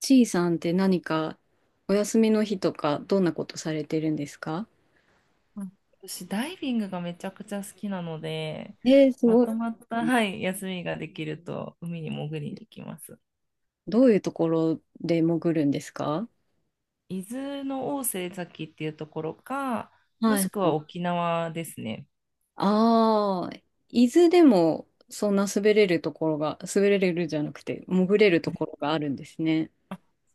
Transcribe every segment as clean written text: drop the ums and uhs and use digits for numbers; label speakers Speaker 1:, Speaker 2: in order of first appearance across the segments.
Speaker 1: ちいさんって何かお休みの日とかどんなことされてるんですか？
Speaker 2: うん。私、ダイビングがめちゃくちゃ好きなので、
Speaker 1: えー、す
Speaker 2: ま
Speaker 1: ごい。
Speaker 2: とまった、はい、休みができると、海に潜りに行きます。
Speaker 1: どういうところで潜るんですか？
Speaker 2: 伊豆の大瀬崎っていうところか、も
Speaker 1: は
Speaker 2: し
Speaker 1: い
Speaker 2: く
Speaker 1: は
Speaker 2: は
Speaker 1: い。
Speaker 2: 沖縄ですね。
Speaker 1: ああ、伊豆でもそんな滑れるところが、滑れるじゃなくて潜れるところがあるんですね。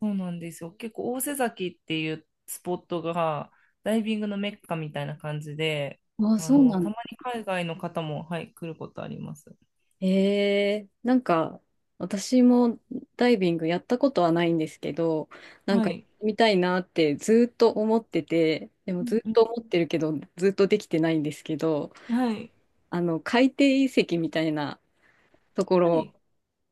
Speaker 2: そうなんですよ。結構、大瀬崎っていうスポットが、ダイビングのメッカみたいな感じで、
Speaker 1: ああ、そうなん
Speaker 2: た
Speaker 1: だ。
Speaker 2: まに海外の方も、はい、来ることあります。
Speaker 1: なんか私もダイビングやったことはないんですけど、なん
Speaker 2: は
Speaker 1: かやっ
Speaker 2: い。
Speaker 1: てみたいなってずーっと思ってて、でも
Speaker 2: う
Speaker 1: ず
Speaker 2: ん
Speaker 1: ーっ
Speaker 2: うん。
Speaker 1: と思ってるけど、ずーっとできてないんですけど、
Speaker 2: はい。
Speaker 1: 海底遺跡みたいなとこ
Speaker 2: はい。
Speaker 1: ろ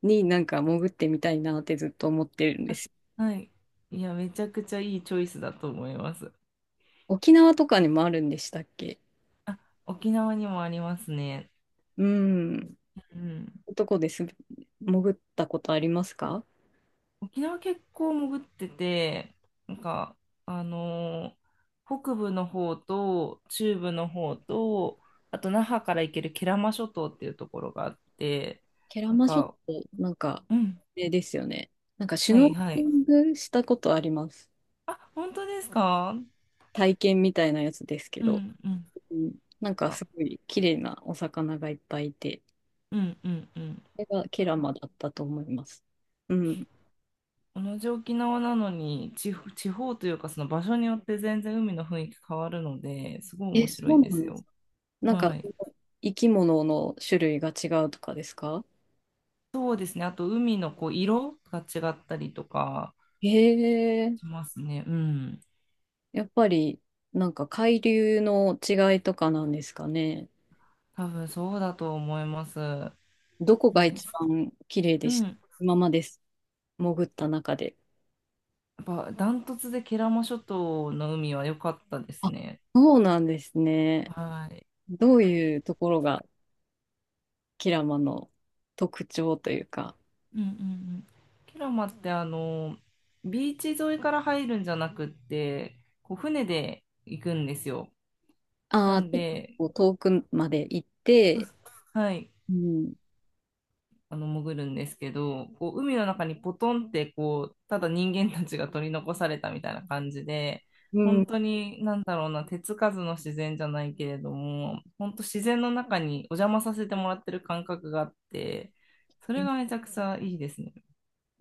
Speaker 1: になんか潜ってみたいなってずっと思ってるんで
Speaker 2: あ、
Speaker 1: す。
Speaker 2: はい。いや、めちゃくちゃいいチョイスだと思います。
Speaker 1: 沖縄とかにもあるんでしたっけ？
Speaker 2: あ、沖縄にもありますね。
Speaker 1: うん。
Speaker 2: うん。
Speaker 1: どこです？潜ったことありますか？
Speaker 2: 沖縄結構潜ってて、なんか、あのー北部の方と中部の方と、あと那覇から行ける慶良間諸島っていうところがあって、
Speaker 1: ケラ
Speaker 2: なん
Speaker 1: マ諸島、
Speaker 2: か、
Speaker 1: なんか、
Speaker 2: うん、
Speaker 1: えですよね。なんかシュ
Speaker 2: は
Speaker 1: ノ
Speaker 2: い
Speaker 1: ーケ
Speaker 2: は
Speaker 1: リ
Speaker 2: い。
Speaker 1: ングしたことあります。
Speaker 2: あ、本当ですか？
Speaker 1: 体験みたいなやつですけ
Speaker 2: う
Speaker 1: ど。
Speaker 2: んうん。
Speaker 1: うん。なんか
Speaker 2: あ、
Speaker 1: すごい綺麗なお魚がいっぱいいて、
Speaker 2: うんうんうん。
Speaker 1: それがケラ
Speaker 2: あ、
Speaker 1: マだったと思います。うん。
Speaker 2: 同じ沖縄なのに地方、地方というかその場所によって全然海の雰囲気変わるので、すごい
Speaker 1: え、
Speaker 2: 面
Speaker 1: そ
Speaker 2: 白い
Speaker 1: う
Speaker 2: で
Speaker 1: な
Speaker 2: す
Speaker 1: んです？
Speaker 2: よ。
Speaker 1: なんか、
Speaker 2: はい。
Speaker 1: 生き物の種類が違うとかですか？
Speaker 2: そうですね。あと、海のこう色が違ったりとか
Speaker 1: へえ。
Speaker 2: しますね。うん。
Speaker 1: やっぱり、なんか海流の違いとかなんですかね。
Speaker 2: 多分そうだと思います。
Speaker 1: どこが
Speaker 2: で
Speaker 1: 一
Speaker 2: す。
Speaker 1: 番綺麗
Speaker 2: う
Speaker 1: でし
Speaker 2: ん。
Speaker 1: た？
Speaker 2: や
Speaker 1: 今まで潜った中で。
Speaker 2: っぱ、ダントツでケラマ諸島の海は良かったです
Speaker 1: あ、
Speaker 2: ね。
Speaker 1: そうなんですね。
Speaker 2: はい。
Speaker 1: どういうところがキラマの特徴というか、
Speaker 2: うんうんうん。ケラマって、ビーチ沿いから入るんじゃなくって、こう船で行くんですよ。な
Speaker 1: ああ、ち
Speaker 2: んで、
Speaker 1: ょっと遠くまで行って、
Speaker 2: はい。
Speaker 1: うん。
Speaker 2: 潜るんですけど、こう海の中にポトンってこうただ人間たちが取り残されたみたいな感じで、
Speaker 1: う
Speaker 2: 本
Speaker 1: ん。
Speaker 2: 当になんだろうな、手つかずの自然じゃないけれども、本当自然の中にお邪魔させてもらってる感覚があって、それ
Speaker 1: え
Speaker 2: がめちゃくちゃいいですね。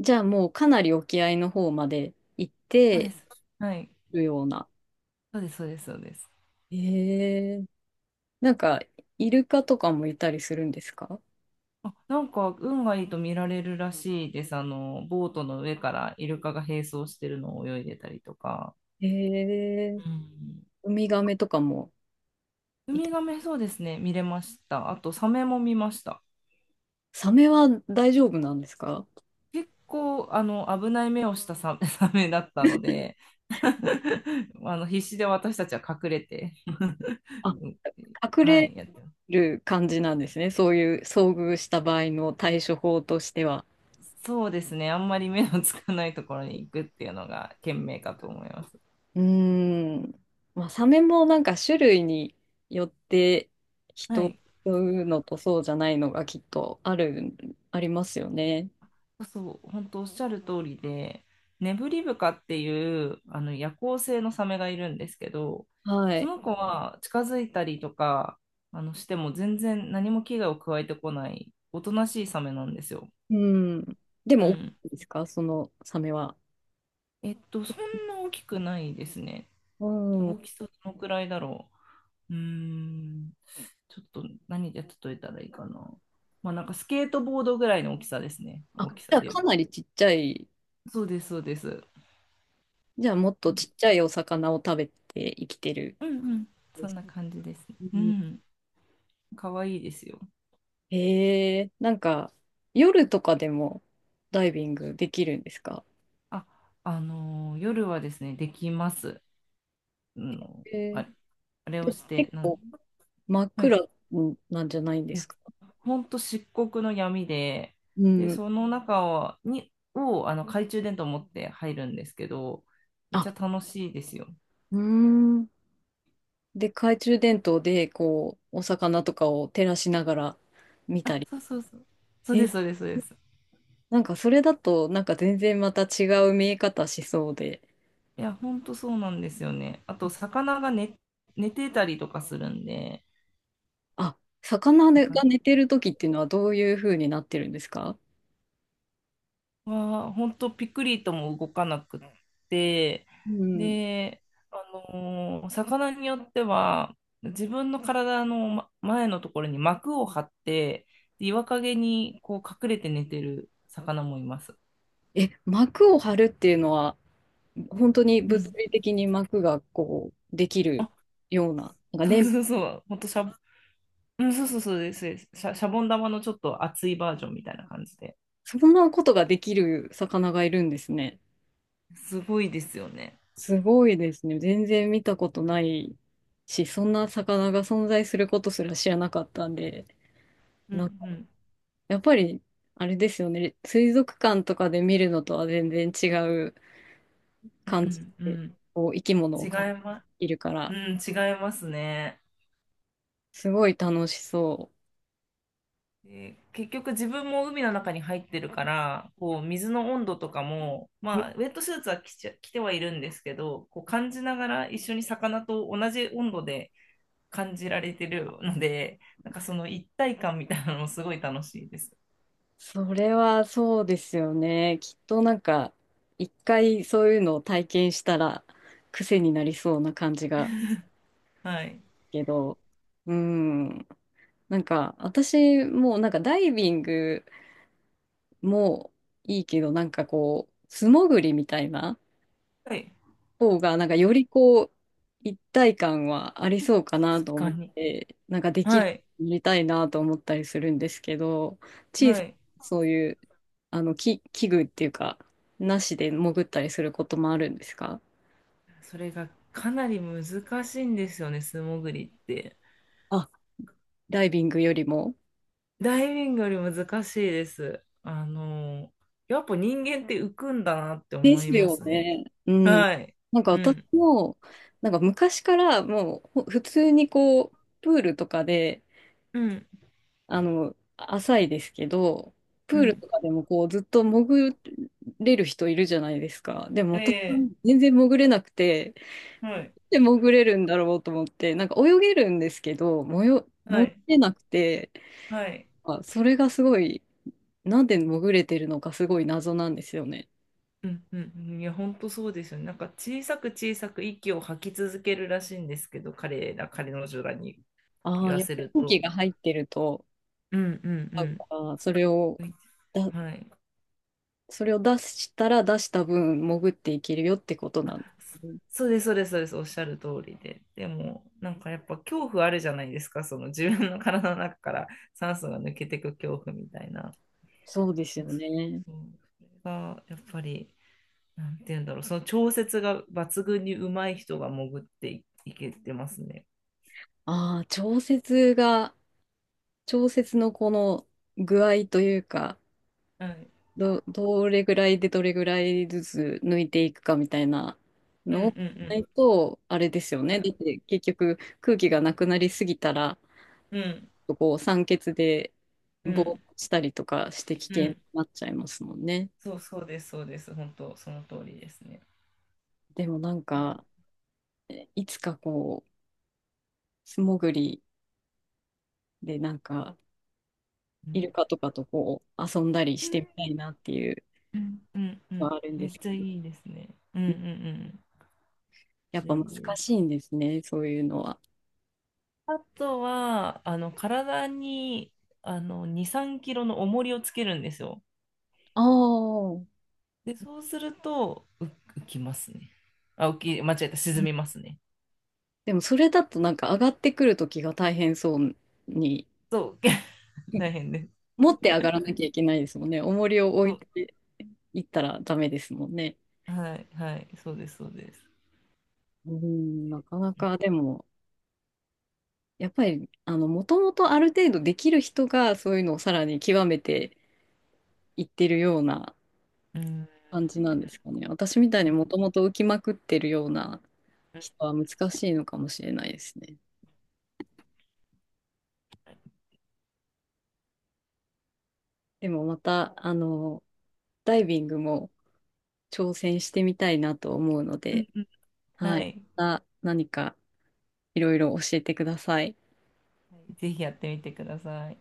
Speaker 1: じゃあもうかなり沖合の方まで行っ
Speaker 2: そうで
Speaker 1: て
Speaker 2: す。はい。
Speaker 1: るような。
Speaker 2: そうです、そうです、そうです。
Speaker 1: ええ、なんか、イルカとかもいたりするんですか？
Speaker 2: あ、なんか運がいいと見られるらしいです。あの、ボートの上からイルカが並走してるのを泳いでたりとか。
Speaker 1: ええ、
Speaker 2: うん。
Speaker 1: ウミガメとかも
Speaker 2: ウ
Speaker 1: い
Speaker 2: ミ
Speaker 1: た。
Speaker 2: ガメ、そうですね、見れました。あと、サメも見ました。
Speaker 1: サメは大丈夫なんですか？
Speaker 2: 結構、危ない目をしたサメ、サメだったので、必死で私たちは隠れて、
Speaker 1: あ、隠
Speaker 2: は
Speaker 1: れ
Speaker 2: い、やってます。
Speaker 1: る感じなんですね。そういう遭遇した場合の対処法としては。
Speaker 2: そうですね、あんまり目のつかないところに行くっていうのが賢明かと思います。
Speaker 1: うーん。まあ、サメもなんか種類によって
Speaker 2: は
Speaker 1: 人、
Speaker 2: い。
Speaker 1: うのとそうじゃないのがきっとある、ありますよね。
Speaker 2: そう、本当おっしゃる通りで、ネブリブカっていうあの夜行性のサメがいるんですけど、
Speaker 1: は
Speaker 2: そ
Speaker 1: い。
Speaker 2: の子は近づいたりとかあのしても全然何も危害を加えてこない、おとなしいサメなんですよ。
Speaker 1: うん。で
Speaker 2: う
Speaker 1: も、大き
Speaker 2: ん。
Speaker 1: いですかそのサメは？
Speaker 2: えっと、そんな大きくないですね。
Speaker 1: う
Speaker 2: 大
Speaker 1: ん。
Speaker 2: きさどのくらいだろう。うーん、ちょっと何で例えたらいいかな。まあなんかスケートボードぐらいの大きさですね。
Speaker 1: あ、
Speaker 2: 大きさ
Speaker 1: じゃあ
Speaker 2: で言う
Speaker 1: かな
Speaker 2: と。
Speaker 1: りちっちゃい、
Speaker 2: そうです。
Speaker 1: じゃあもっとちっちゃいお魚を食べて生きてる
Speaker 2: うんうん。
Speaker 1: ん
Speaker 2: そ
Speaker 1: で
Speaker 2: ん
Speaker 1: す。
Speaker 2: な感じです。
Speaker 1: う
Speaker 2: う
Speaker 1: ん。
Speaker 2: ん。かわいいですよ。
Speaker 1: へえ、なんか夜とかでもダイビングできるんですか？
Speaker 2: あ、夜はですね、できます。あの
Speaker 1: へえ、
Speaker 2: あ、あれを
Speaker 1: で、
Speaker 2: して、
Speaker 1: 結
Speaker 2: なん、
Speaker 1: 構真っ
Speaker 2: はい。
Speaker 1: 暗なんじゃないんで
Speaker 2: い
Speaker 1: す
Speaker 2: や、
Speaker 1: か？
Speaker 2: ほんと漆黒の闇で、
Speaker 1: う
Speaker 2: で、
Speaker 1: ん。
Speaker 2: その中を、に、を、あの、懐中電灯持って入るんですけど、めっ
Speaker 1: あ、
Speaker 2: ちゃ楽しいですよ。
Speaker 1: うーん。で、懐中電灯でこう、お魚とかを照らしながら見
Speaker 2: あ、
Speaker 1: たり。
Speaker 2: そうそうそう。そうで
Speaker 1: え、
Speaker 2: す、そうです、そうです。
Speaker 1: なんかそれだとなんか全然また違う見え方しそうで。
Speaker 2: いや、ほんとそうなんですよね。あと、魚が寝、寝てたりとかするんで、
Speaker 1: あ、魚が
Speaker 2: なんか
Speaker 1: 寝てる時っていうのはどういう風になってるんですか？
Speaker 2: は本当ピクリとも動かなくって、
Speaker 1: うん、
Speaker 2: で、あ魚によっては自分の体の前のところに膜を張って、で岩陰にこう隠れて寝てる魚もいます。
Speaker 1: え、膜を張るっていうのは、本当に
Speaker 2: う
Speaker 1: 物
Speaker 2: ん。
Speaker 1: 理的に膜がこう、できるような、なんか
Speaker 2: そ
Speaker 1: ね、
Speaker 2: うそうそう、本当シャ、うん、そうそうそうですですシャ、シャボン玉のちょっと厚いバージョンみたいな感じで。
Speaker 1: そんなことができる魚がいるんですね。
Speaker 2: すごいですよね。
Speaker 1: すごいですね。全然見たことないし、そんな魚が存在することすら知らなかったんで、
Speaker 2: う
Speaker 1: なんか
Speaker 2: んうん
Speaker 1: やっぱり、あれですよね、水族館とかで見るのとは全然違う
Speaker 2: う
Speaker 1: 感じ
Speaker 2: んう
Speaker 1: で、
Speaker 2: ん。
Speaker 1: こう生き物を
Speaker 2: 違
Speaker 1: 感
Speaker 2: いま、
Speaker 1: じるか
Speaker 2: う
Speaker 1: ら、
Speaker 2: ん、違いますね。
Speaker 1: すごい楽しそ
Speaker 2: で結局自分も海の中に入ってるから、こう水の温度とかも、
Speaker 1: う。
Speaker 2: まあ、ウェットスーツは着ちゃ、着てはいるんですけど、こう感じながら一緒に魚と同じ温度で感じられてるので、なんかその一体感みたいなのもすごい楽しいです。
Speaker 1: それはそうですよね。きっとなんか、一回そういうのを体験したら癖になりそうな感じが
Speaker 2: はい。
Speaker 1: けど、うん。なんか、私もなんかダイビングもいいけど、なんかこう、素潜りみたいな。
Speaker 2: はい。
Speaker 1: 方が、なんかよりこう、一体感はありそうかなと
Speaker 2: 確
Speaker 1: 思
Speaker 2: か
Speaker 1: っ
Speaker 2: に。
Speaker 1: て、なんかでき
Speaker 2: は
Speaker 1: る、
Speaker 2: い。
Speaker 1: やりたいなと思ったりするんですけど、小
Speaker 2: は
Speaker 1: さ
Speaker 2: い。
Speaker 1: なそういう、き器具っていうか、なしで潜ったりすることもあるんですか？
Speaker 2: それがかなり難しいんですよね、素潜りって。
Speaker 1: あ、ダイビングよりも。
Speaker 2: ダイビングより難しいです。やっぱ人間って浮くんだなって
Speaker 1: で
Speaker 2: 思
Speaker 1: す
Speaker 2: いま
Speaker 1: よ
Speaker 2: すね。
Speaker 1: ね。うん。
Speaker 2: はい。
Speaker 1: なんか
Speaker 2: う
Speaker 1: 私
Speaker 2: ん。
Speaker 1: も、なんか昔からもうほ普通にこう、プールとかで、
Speaker 2: うん、
Speaker 1: 浅いですけど、プ
Speaker 2: う
Speaker 1: ール
Speaker 2: ん、
Speaker 1: とかでもこうずっと潜れる人いるじゃないですか。でも私は
Speaker 2: ええ、
Speaker 1: 全然潜れなくて、
Speaker 2: はい。
Speaker 1: で潜れるんだろうと思って、なんか泳げるんですけど、もよ、
Speaker 2: は
Speaker 1: 潜
Speaker 2: い。
Speaker 1: れなくて、
Speaker 2: はい。
Speaker 1: まあ、それがすごい、なんで潜れてるのかすごい謎なんですよね。
Speaker 2: うん。うん。うん、いや、本当そうですよね。なんか小さく小さく息を吐き続けるらしいんですけど、彼の女らに
Speaker 1: あ
Speaker 2: 言
Speaker 1: あ、
Speaker 2: わ
Speaker 1: やっ
Speaker 2: せ
Speaker 1: ぱり
Speaker 2: る
Speaker 1: 空気
Speaker 2: と。
Speaker 1: が入ってると、
Speaker 2: うん、うん、
Speaker 1: な
Speaker 2: う
Speaker 1: ん
Speaker 2: ん。
Speaker 1: かそれを、だ、
Speaker 2: はい。
Speaker 1: それを出したら出した分潜っていけるよってことなん。
Speaker 2: そうです、そうです、そうです。おっしゃる通りで。でも、なんかやっぱ恐怖あるじゃないですか。その自分の体の中から酸素が抜けてく恐怖みたいな。
Speaker 1: そうですよね。
Speaker 2: そう。それがやっぱり。なんて言うんだろう、その調節が抜群にうまい人が潜っていいけてますね。
Speaker 1: ああ、調節が、調節のこの具合というか、
Speaker 2: はい。
Speaker 1: どれぐらいでどれぐらいずつ抜いていくかみたいな
Speaker 2: うんうん
Speaker 1: のを考
Speaker 2: う
Speaker 1: えな
Speaker 2: ん。
Speaker 1: いと、あれですよね。
Speaker 2: は
Speaker 1: だっ
Speaker 2: い。
Speaker 1: て結局空気がなくなりすぎたら、
Speaker 2: うん
Speaker 1: こう酸欠で
Speaker 2: う
Speaker 1: ぼーっ
Speaker 2: ん
Speaker 1: としたりとかして危
Speaker 2: う
Speaker 1: 険に
Speaker 2: ん。
Speaker 1: なっちゃいますもんね。
Speaker 2: そうそうです、そうです。本当、その通りですね。
Speaker 1: でもなんか、いつかこう、素潜りでなんか、
Speaker 2: う
Speaker 1: イル
Speaker 2: ん
Speaker 1: カとかとこう遊んだり
Speaker 2: う
Speaker 1: し
Speaker 2: ん
Speaker 1: てみたいなっていう
Speaker 2: うんう
Speaker 1: の
Speaker 2: ん。
Speaker 1: はあるんで
Speaker 2: めっ
Speaker 1: す
Speaker 2: ちゃ
Speaker 1: けど。
Speaker 2: いいですね。うんうんうん。
Speaker 1: やっ
Speaker 2: めっ
Speaker 1: ぱ
Speaker 2: ちゃ
Speaker 1: 難
Speaker 2: いいで
Speaker 1: し
Speaker 2: す。
Speaker 1: いんですね、そういうのは。
Speaker 2: あとは、あの、体に、2、3キロの重りをつけるんですよ。
Speaker 1: ああ、
Speaker 2: で、そうすると、浮きますね。あ、間違えた、沈みますね。
Speaker 1: でもそれだとなんか上がってくるときが大変そうに、
Speaker 2: そう、大 変です。
Speaker 1: 持って上がらなきゃいけないですもんね。重りを置
Speaker 2: そ
Speaker 1: い
Speaker 2: う、
Speaker 1: ていったらダメですもんね。
Speaker 2: はいはい、そうです。
Speaker 1: うん、なかなかでも、やっぱり、もともとある程度できる人がそういうのをさらに極めていってるような
Speaker 2: うん、うん、
Speaker 1: 感じなんですかね。私みたいにもともと浮きまくってるような
Speaker 2: うん。
Speaker 1: 人は難しいのかもしれないですね。でもまた、ダイビングも挑戦してみたいなと思うので、
Speaker 2: は
Speaker 1: はい。
Speaker 2: い、
Speaker 1: また何かいろいろ教えてください。
Speaker 2: はい、ぜひやってみてください。